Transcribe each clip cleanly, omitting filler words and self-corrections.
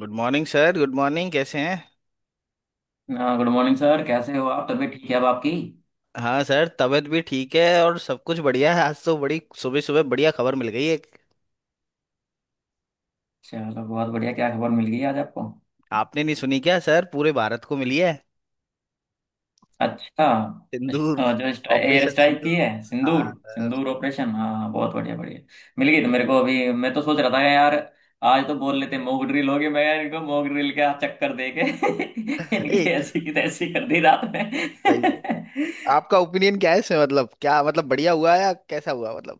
Good morning sir. Good morning. कैसे हैं। हाँ गुड मॉर्निंग सर। कैसे हो आप? तबीयत ठीक है अब आपकी? हाँ सर, तबीयत भी ठीक है और सब कुछ बढ़िया है। आज तो बड़ी सुबह सुबह बढ़िया खबर मिल गई एक। चलो बहुत बढ़िया। क्या खबर मिल गई आज आपको? आपने नहीं सुनी क्या सर, पूरे भारत को मिली है। अच्छा। सिंदूर। जो एयर ऑपरेशन स्ट्राइक की सिंदूर। है, सिंदूर। हाँ सर। सिंदूर ऑपरेशन। हाँ हाँ, बहुत बढ़िया बढ़िया। मिल गई तो मेरे को अभी, मैं तो सोच रहा था कि यार आज तो बोल लेते मॉक ड्रिल होगी। मैं यार इनको मॉक ड्रिल का चक्कर दे के इनकी ए। ऐसी की तैसी कर दी रात में। सही है। आपका ओपिनियन क्या है इसमें, मतलब क्या मतलब बढ़िया हुआ या कैसा हुआ मतलब।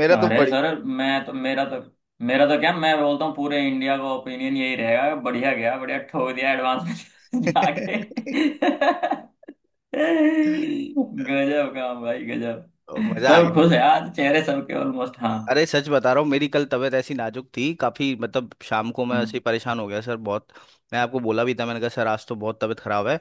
मेरा तो अरे बड़ी सर मैं तो मेरा तो मेरा तो क्या, मैं बोलता हूँ पूरे इंडिया का ओपिनियन यही रहेगा। बढ़िया गया, बढ़िया ठोक दिया एडवांस में जाके। गजब काम भाई, गजब। मजा आ सब खुश गया। है आज, चेहरे सबके ऑलमोस्ट। हाँ। अरे सच बता रहा हूँ, मेरी कल तबीयत ऐसी नाजुक थी काफ़ी, मतलब शाम को मैं ऐसे ही हम्म। परेशान हो गया सर बहुत। मैं आपको बोला भी था, मैंने कहा सर आज तो बहुत तबीयत ख़राब है।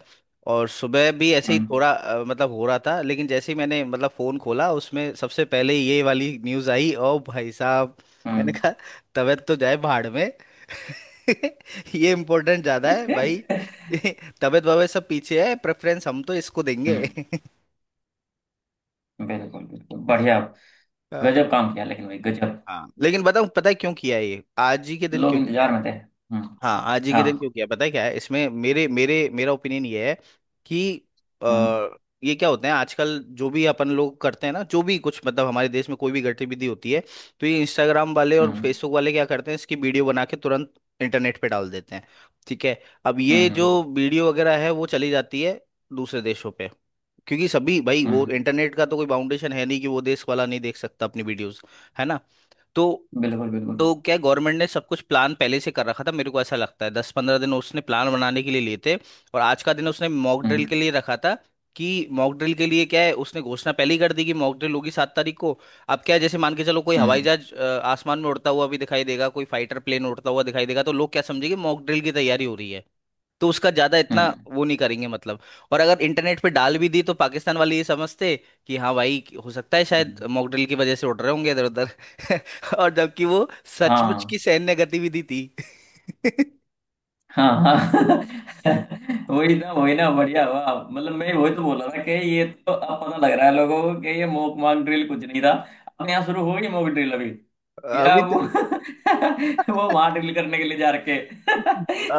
और सुबह भी ऐसे ही हम्म। थोड़ा मतलब हो रहा था, लेकिन जैसे ही मैंने मतलब फ़ोन खोला उसमें सबसे पहले ये वाली न्यूज़ आई। ओ भाई साहब, मैंने हम्म। कहा तबीयत तो जाए भाड़ में। ये इम्पोर्टेंट ज़्यादा है भाई। तबीयत वबीयत सब पीछे है, प्रेफरेंस हम तो इसको देंगे। हम्म, बिल्कुल बिल्कुल, बढ़िया। अ, गजब काम किया लेकिन भाई, गजब। हाँ लेकिन बताऊँ, पता है क्यों किया ये आज ही के दिन लोग क्यों किया। इंतजार में थे। हम्म। हाँ आज ही के दिन क्यों हाँ। किया पता है, क्या है इसमें, मेरे मेरे मेरा ओपिनियन ये है कि आ, हम्म। ये क्या होते हैं आजकल जो भी अपन लोग करते हैं ना, जो भी कुछ मतलब हमारे देश में कोई भी गतिविधि होती है तो ये इंस्टाग्राम वाले और हम्म। फेसबुक वाले क्या करते हैं, इसकी वीडियो बना के तुरंत इंटरनेट पे डाल देते हैं। ठीक है। अब हम्म। ये जो वीडियो वगैरह है वो चली जाती है दूसरे देशों पे, क्योंकि सभी भाई वो हम्म, इंटरनेट का तो कोई बाउंडेशन है नहीं कि वो देश वाला नहीं देख सकता अपनी वीडियोस। है ना। तो बिल्कुल बिल्कुल। तो क्या गवर्नमेंट ने सब कुछ प्लान पहले से कर रखा था, मेरे को ऐसा लगता है। 10 15 दिन उसने प्लान बनाने के लिए लिए थे और आज का दिन उसने मॉक ड्रिल हम्म। के लिए रखा था। कि मॉक ड्रिल के लिए क्या है, उसने घोषणा पहले ही कर दी कि मॉक ड्रिल होगी 7 तारीख को। अब क्या है, जैसे मान के चलो कोई हवाई हम्म। जहाज आसमान में उड़ता हुआ भी दिखाई देगा, कोई फाइटर प्लेन उड़ता हुआ दिखाई देगा, तो लोग क्या समझेंगे, मॉक ड्रिल की तैयारी हो रही है। तो उसका ज्यादा इतना हम्म। वो नहीं करेंगे मतलब। और अगर इंटरनेट पे डाल भी दी तो पाकिस्तान वाले ये समझते कि हाँ भाई हो सकता है शायद हम्म। मॉक ड्रिल की वजह से उड़ रहे होंगे इधर उधर। और जबकि वो सचमुच हाँ की सैन्य गतिविधि थी। हाँ हाँ। वही ना, वही ना, बढ़िया हुआ। मतलब मैं वही तो बोल रहा था कि ये तो अब पता लग रहा है लोगों को कि ये मॉक मॉक ड्रिल कुछ नहीं था। अपने यहाँ शुरू हो गई मॉक ड्रिल अभी, या अभी तो वो वो वहां ड्रिल करने के लिए जा रखे।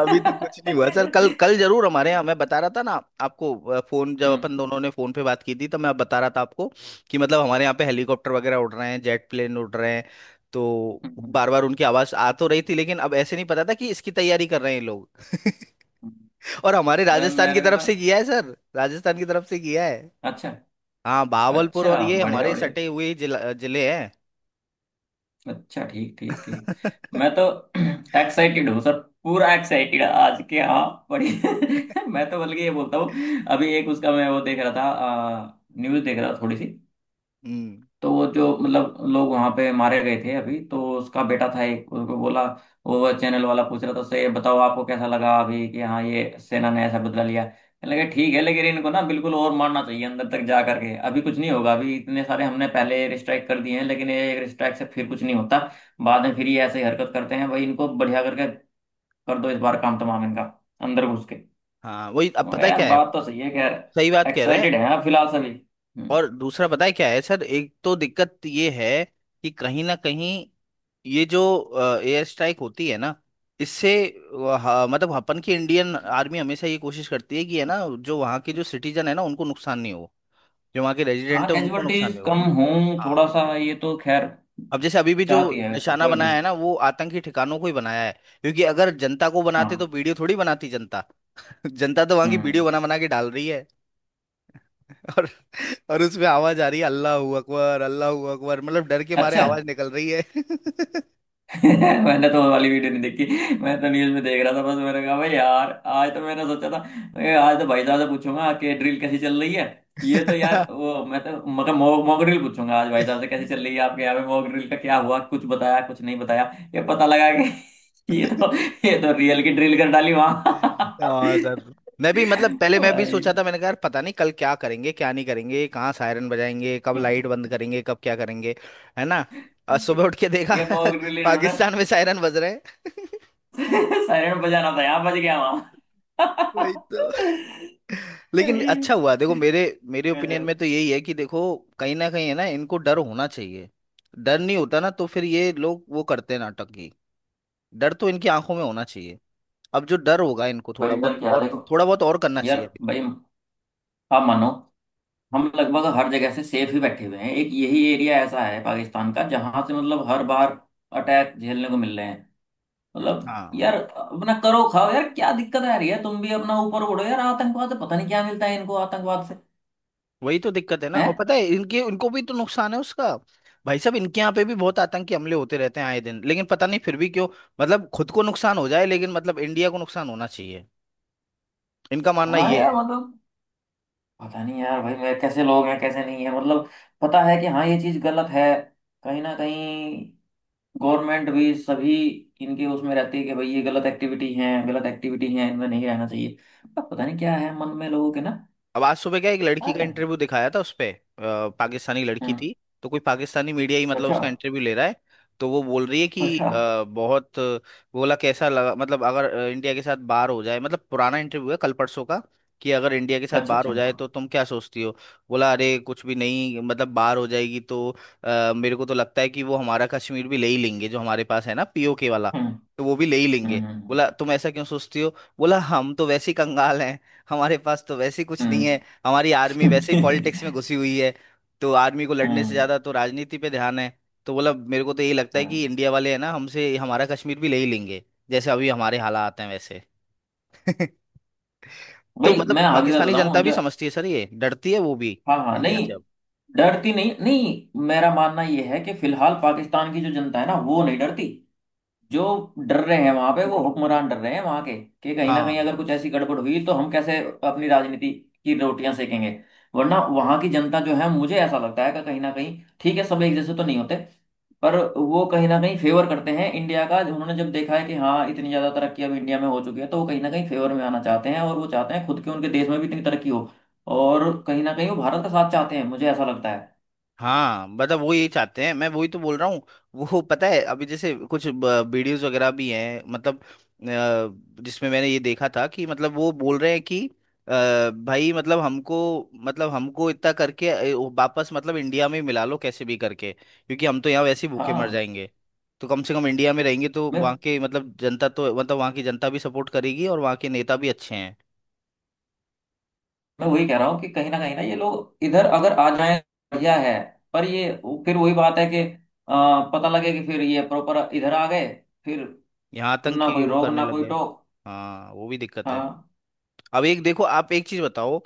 तो कुछ नहीं हुआ सर। कल कल जरूर हमारे यहाँ, मैं बता रहा था ना आपको, फोन जब हम्म। अपन दोनों ने फोन पे बात की थी तो मैं बता रहा था आपको कि मतलब हमारे यहाँ पे हेलीकॉप्टर वगैरह उड़ रहे हैं, जेट प्लेन उड़ रहे हैं। तो हम्म, हम्म, बार बार उनकी आवाज आ तो रही थी, लेकिन अब ऐसे नहीं पता था कि इसकी तैयारी कर रहे हैं ये लोग। और हमारे राजस्थान की मेरे को तरफ तो। से किया है सर, राजस्थान की तरफ से किया है। अच्छा। हाँ बहावलपुर, और अच्छा, ये बढ़िया हमारे बढ़िया। सटे हुए जिले हैं। अच्छा, ठीक ठीक ठीक। मैं तो एक्साइटेड हूँ सर, पूरा एक्साइटेड आज के। हाँ, बड़ी मैं तो बल्कि ये बोलता हूँ, अभी एक उसका मैं वो देख रहा था, न्यूज़ देख रहा था थोड़ी सी। हम्म। तो वो जो, मतलब लोग वहां पे मारे गए थे, अभी तो उसका बेटा था एक, उसको बोला वो चैनल वाला, पूछ रहा था उससे, ये बताओ आपको कैसा लगा अभी कि हाँ ये सेना ने ऐसा बदला लिया। कहने लगे ठीक है, लेकिन इनको ना बिल्कुल और मारना चाहिए अंदर तक जा करके। अभी कुछ नहीं होगा, अभी इतने सारे हमने पहले स्ट्राइक कर दिए हैं लेकिन ये एक स्ट्राइक से फिर कुछ नहीं होता। बाद में फिर ये ऐसे ही हरकत करते हैं भाई, इनको बढ़िया करके कर दो इस बार, काम तमाम इनका, अंदर घुस के। हाँ वही, तो अब मैं कहा, पता है यार क्या है। बात तो सही है, खैर। सही बात कह रहे हैं। एक्साइटेड है फिलहाल सभी। हम्म। और दूसरा पता है क्या है सर, एक तो दिक्कत ये है कि कहीं ना कहीं ये जो एयर स्ट्राइक होती है ना, इससे मतलब अपन की इंडियन आर्मी हमेशा ये कोशिश करती है कि है ना जो वहाँ के जो सिटीजन है ना उनको नुकसान नहीं हो, जो वहाँ के हाँ, रेजिडेंट है उनको नुकसान कैजुअलिटीज नहीं हो। कम हों, हाँ। थोड़ा सा, ये तो खैर अब जैसे अभी भी जो चाहती है निशाना कोई भी। बनाया है ना वो आतंकी ठिकानों को ही बनाया है, क्योंकि अगर जनता को बनाते तो हाँ। वीडियो थोड़ी बनाती जनता। जनता तो वहाँ की वीडियो हम्म। बना बना के डाल रही। और और उसमें आवाज आ रही है अल्लाह हू अकबर, अल्लाह हू अकबर, मतलब डर के मारे अच्छा। आवाज निकल रही है। मैंने तो वो वाली वीडियो नहीं देखी, मैं तो न्यूज में देख रहा था बस। मैंने कहा भाई यार आज तो मैंने सोचा था, आज तो भाई साहब से पूछूंगा कि ड्रिल कैसी चल रही है। ये तो यार वो, मैं तो मतलब मॉक मॉक ड्रिल पूछूंगा आज भाई साहब से, कैसी चल रही है आपके यहाँ पे, मॉक ड्रिल का क्या हुआ, कुछ बताया कुछ नहीं बताया। ये पता लगा कि ये तो, ये तो रियल की ड्रिल कर डाली वहां। हाँ सर, मैं भी मतलब पहले मैं भी भाई। सोचा था, मैंने कहा यार पता नहीं कल क्या करेंगे क्या नहीं करेंगे, कहाँ सायरन बजाएंगे, कब हम्म। लाइट बंद करेंगे, कब क्या करेंगे। है ना। और सुबह उठ के देखा, ये मोक ड्रिल इन्होंने पाकिस्तान में सायरन बज रहे हैं। सायरन बजाना था यहाँ, बज गया वहां। वही तो। लेकिन अच्छा हुआ, देखो मेरे मेरे ओपिनियन गजब। में तो यही है कि देखो कहीं ना कहीं है ना इनको डर होना चाहिए। डर नहीं होता ना तो फिर ये लोग वो करते हैं नाटक। डर तो इनकी आंखों में होना चाहिए। अब जो डर होगा इनको भाई डर क्या देखो थोड़ा बहुत और करना यार। चाहिए अभी तो। भाई आप मानो, हम लगभग हर जगह से सेफ ही बैठे हुए हैं, एक यही एरिया ऐसा है पाकिस्तान का जहां से मतलब हर बार अटैक झेलने को मिल रहे हैं। मतलब हाँ यार अपना करो खाओ यार, क्या दिक्कत आ रही है? तुम भी अपना ऊपर उड़ो यार। आतंकवाद से पता नहीं क्या मिलता है इनको, आतंकवाद से। वही तो दिक्कत है ना। और हैं। पता है इनके इनको भी तो नुकसान है उसका। भाई साहब इनके यहाँ पे भी बहुत आतंकी हमले होते रहते हैं आए दिन, लेकिन पता नहीं फिर भी क्यों मतलब खुद को नुकसान हो जाए लेकिन मतलब इंडिया को नुकसान होना चाहिए, इनका मानना हाँ ये यार, है। मतलब पता नहीं यार भाई मेरे, कैसे लोग हैं कैसे नहीं है। मतलब पता है कि हाँ ये चीज गलत है कहीं ना कहीं, गवर्नमेंट भी सभी इनके उसमें रहती है कि भाई ये गलत एक्टिविटी है, गलत एक्टिविटी है, इनमें नहीं रहना चाहिए। अब पता नहीं क्या है मन में लोगों के ना। अब आज सुबह क्या एक क्या लड़की का कहें? इंटरव्यू दिखाया था उस पे, पाकिस्तानी लड़की हम्म। थी। तो कोई पाकिस्तानी मीडिया ही मतलब अच्छा। उसका इंटरव्यू ले रहा है। तो वो बोल रही है कि अच्छा। बोला कैसा लगा, मतलब अगर इंडिया के साथ बाहर हो जाए, मतलब पुराना इंटरव्यू है कल परसों का, कि अगर इंडिया के साथ अच्छा। बाहर हो अच्छा। जाए तो तुम क्या सोचती हो। बोला अरे कुछ भी नहीं, मतलब बाहर हो जाएगी तो मेरे को तो लगता है कि वो हमारा कश्मीर भी ले ही लेंगे, जो हमारे पास है ना पीओके वाला हम्म। तो वो भी ले ही लेंगे। हम्म। हम्म। बोला तुम ऐसा क्यों सोचती हो। बोला हम तो वैसे ही कंगाल हैं, हमारे पास तो वैसे ही कुछ नहीं है, हमारी आर्मी वैसे ही हम्म। पॉलिटिक्स में घुसी हुई है, तो आर्मी को लड़ने से हम्म, ज्यादा तो राजनीति पे ध्यान है। तो बोला मेरे को तो यही लगता है कि हम्म। इंडिया वाले है ना हमसे हमारा कश्मीर भी ले ही लेंगे, जैसे अभी हमारे हालात हैं वैसे। तो भाई मतलब मैं आगे का पाकिस्तानी जनता बताऊं भी जो। समझती है सर, ये डरती है वो भी हाँ हाँ, इंडिया नहीं से अब। डरती, नहीं नहीं। मेरा मानना ये है कि फिलहाल पाकिस्तान की जो जनता है ना, वो नहीं डरती। जो डर रहे हैं वहां पे, वो हुक्मरान डर रहे हैं वहां के, कि कहीं ना हाँ कहीं अगर कुछ ऐसी गड़बड़ हुई तो हम कैसे अपनी राजनीति की रोटियां सेकेंगे। वरना वहां की जनता जो है, मुझे ऐसा लगता है कि कहीं ना कहीं ठीक है, सब एक जैसे तो नहीं होते, पर वो कहीं ना कहीं फेवर करते हैं इंडिया का। उन्होंने जब देखा है कि हाँ इतनी ज्यादा तरक्की अब इंडिया में हो चुकी है, तो वो कहीं ना कहीं फेवर में आना चाहते हैं, और वो चाहते हैं खुद के उनके देश में भी इतनी तरक्की हो। और कहीं ना कहीं वो भारत का साथ चाहते हैं, मुझे ऐसा लगता है। हाँ, मतलब वो ये चाहते हैं, मैं वही तो बोल रहा हूँ। वो पता है अभी जैसे कुछ वीडियोस वगैरह भी हैं, मतलब जिसमें मैंने ये देखा था कि मतलब वो बोल रहे हैं कि भाई मतलब हमको इतना करके वापस मतलब इंडिया में ही मिला लो कैसे भी करके, क्योंकि हम तो यहाँ वैसे ही भूखे मर हाँ। जाएंगे। तो कम से कम इंडिया में रहेंगे तो मैं वहाँ के मतलब जनता तो मतलब वहाँ की जनता भी सपोर्ट करेगी और वहाँ के नेता भी अच्छे हैं। मैं वही कह रहा हूँ कि कहीं ना ये लोग इधर अगर आ जाए, बढ़िया है। पर ये फिर वही बात है कि पता लगे कि फिर ये प्रॉपर इधर आ गए, फिर यहाँ तक ना कि कोई वो रोक करने ना लग कोई गए। टोक। हाँ वो भी दिक्कत है। हाँ। अब एक देखो आप एक चीज बताओ,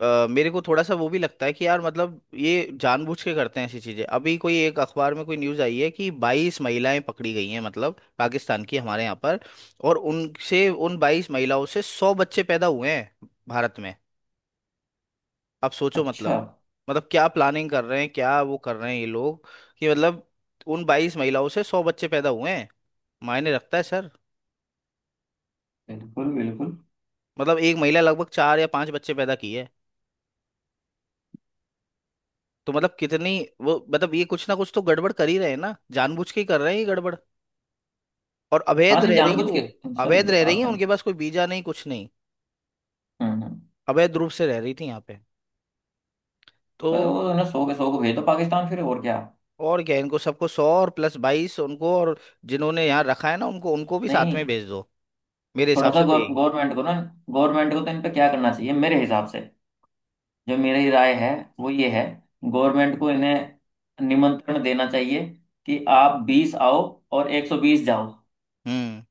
मेरे को थोड़ा सा वो भी लगता है कि यार मतलब ये जानबूझ के करते हैं ऐसी चीजें। अभी कोई एक अखबार में कोई न्यूज़ आई है कि 22 महिलाएं पकड़ी गई हैं, मतलब पाकिस्तान की, हमारे यहाँ पर। और उनसे उन 22 महिलाओं से 100 बच्चे पैदा हुए हैं भारत में। आप सोचो अच्छा। मतलब मतलब क्या प्लानिंग कर रहे हैं क्या वो कर रहे हैं ये लोग। कि मतलब उन 22 महिलाओं से सौ बच्चे पैदा हुए हैं, मायने रखता है सर। बिल्कुल बिल्कुल। मतलब एक महिला लगभग 4 या 5 बच्चे पैदा की है। तो मतलब कितनी वो, मतलब ये कुछ ना कुछ तो गड़बड़ कर ही रहे हैं ना, जानबूझ के ही कर रहे हैं ये गड़बड़। और हाँ अवैध नहीं, रह रही है जानबूझ वो, के अवैध सर, रह रही है, उनके आतंक। पास कोई वीजा नहीं कुछ नहीं, हम्म। हम्म। अवैध रूप से रह रही थी यहाँ पे। तो पर वो ना 100 के 100 को भेज दो पाकिस्तान, फिर और क्या। और क्या, इनको सबको 100 और प्लस 22 उनको, और जिन्होंने यहाँ रखा है ना उनको उनको भी साथ में नहीं, भेज दो, मेरे थोड़ा हिसाब सा से तो यही। गवर्नमेंट को ना, गवर्नमेंट को तो इन पे क्या करना चाहिए मेरे हिसाब से, जो मेरी राय है वो ये है, गवर्नमेंट को इन्हें निमंत्रण देना चाहिए कि आप 20 आओ और 120 जाओ। हम्म।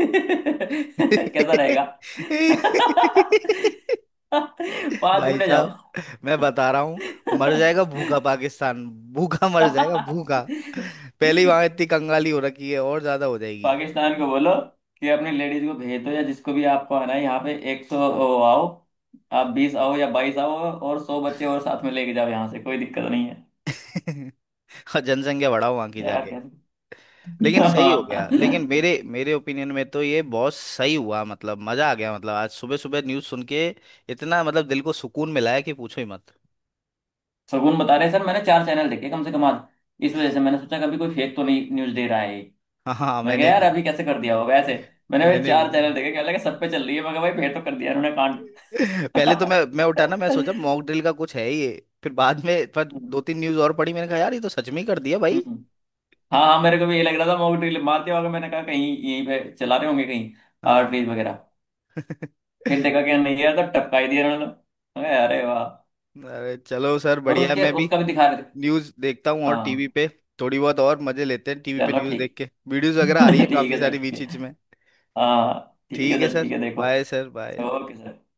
कैसा रहेगा? पांच भाई गुने जाओ। साहब मैं बता रहा हूँ, मर जाएगा भूखा पाकिस्तान। भूखा मर जाएगा भूखा। पहले ही वहां इतनी कंगाली हो रखी है और ज्यादा हो जाएगी। पाकिस्तान को बोलो कि अपनी लेडीज को भेज दो, या जिसको भी आपको आना है यहाँ पे, 100 आओ, आप बीस आओ या 22 आओ, और 100 बच्चे और साथ में लेके जाओ यहाँ से, कोई दिक्कत नहीं है। और जनसंख्या बढ़ाओ वहां की यार। जाके। लेकिन सही हो गया, हाँ। लेकिन मेरे मेरे ओपिनियन में तो ये बहुत सही हुआ, मतलब मजा आ गया मतलब आज सुबह सुबह न्यूज़ सुन के। इतना मतलब दिल को सुकून मिला है कि पूछो ही मत। सगुन बता रहे हैं, सर मैंने चार चैनल देखे कम से कम आज, इस वजह से मैंने सोचा कभी कोई फेक तो नहीं न्यूज दे रहा है ये। हाँ हाँ, मैं कहा मैंने यार भी अभी कैसे कर दिया होगा ऐसे, मैंने भाई मैंने भी चार चैनल देखे, क्या लगा सब पे चल रही है। मैं कहा भाई फेक तो कर दिया उन्होंने पहले तो कांड। मैं उठा ना, मैं सोचा मॉक ड्रिल का कुछ है ये। फिर बाद में पर हम्म, 2 3 न्यूज़ और पढ़ी, मैंने कहा यार ये तो सच में ही कर दिया भाई। हम्म। हाँ हाँ, मेरे को भी ये लग रहा था मॉक ड्रिल मारते वक्त, मैंने कहा कहीं यहीं पे चला रहे होंगे कहीं आर्टरीज हाँ। वगैरह। फिर देखा कि नहीं यार, तो टपका ही दिया उन्होंने। मैं कहा, अरे वाह। अरे चलो सर और बढ़िया है, उसके मैं भी उसका भी दिखा रहे थे। न्यूज़ देखता हूँ और टीवी हाँ। पे थोड़ी बहुत और मजे लेते हैं। टीवी पे चलो न्यूज़ देख के वीडियोस वगैरह आ रही है ठीक। ठीक काफी है सारी सर, ठीक बीच बीच है। में। हाँ ठीक है ठीक है सर, सर, ठीक है, देखो। Bye sir, bye. Okay sir.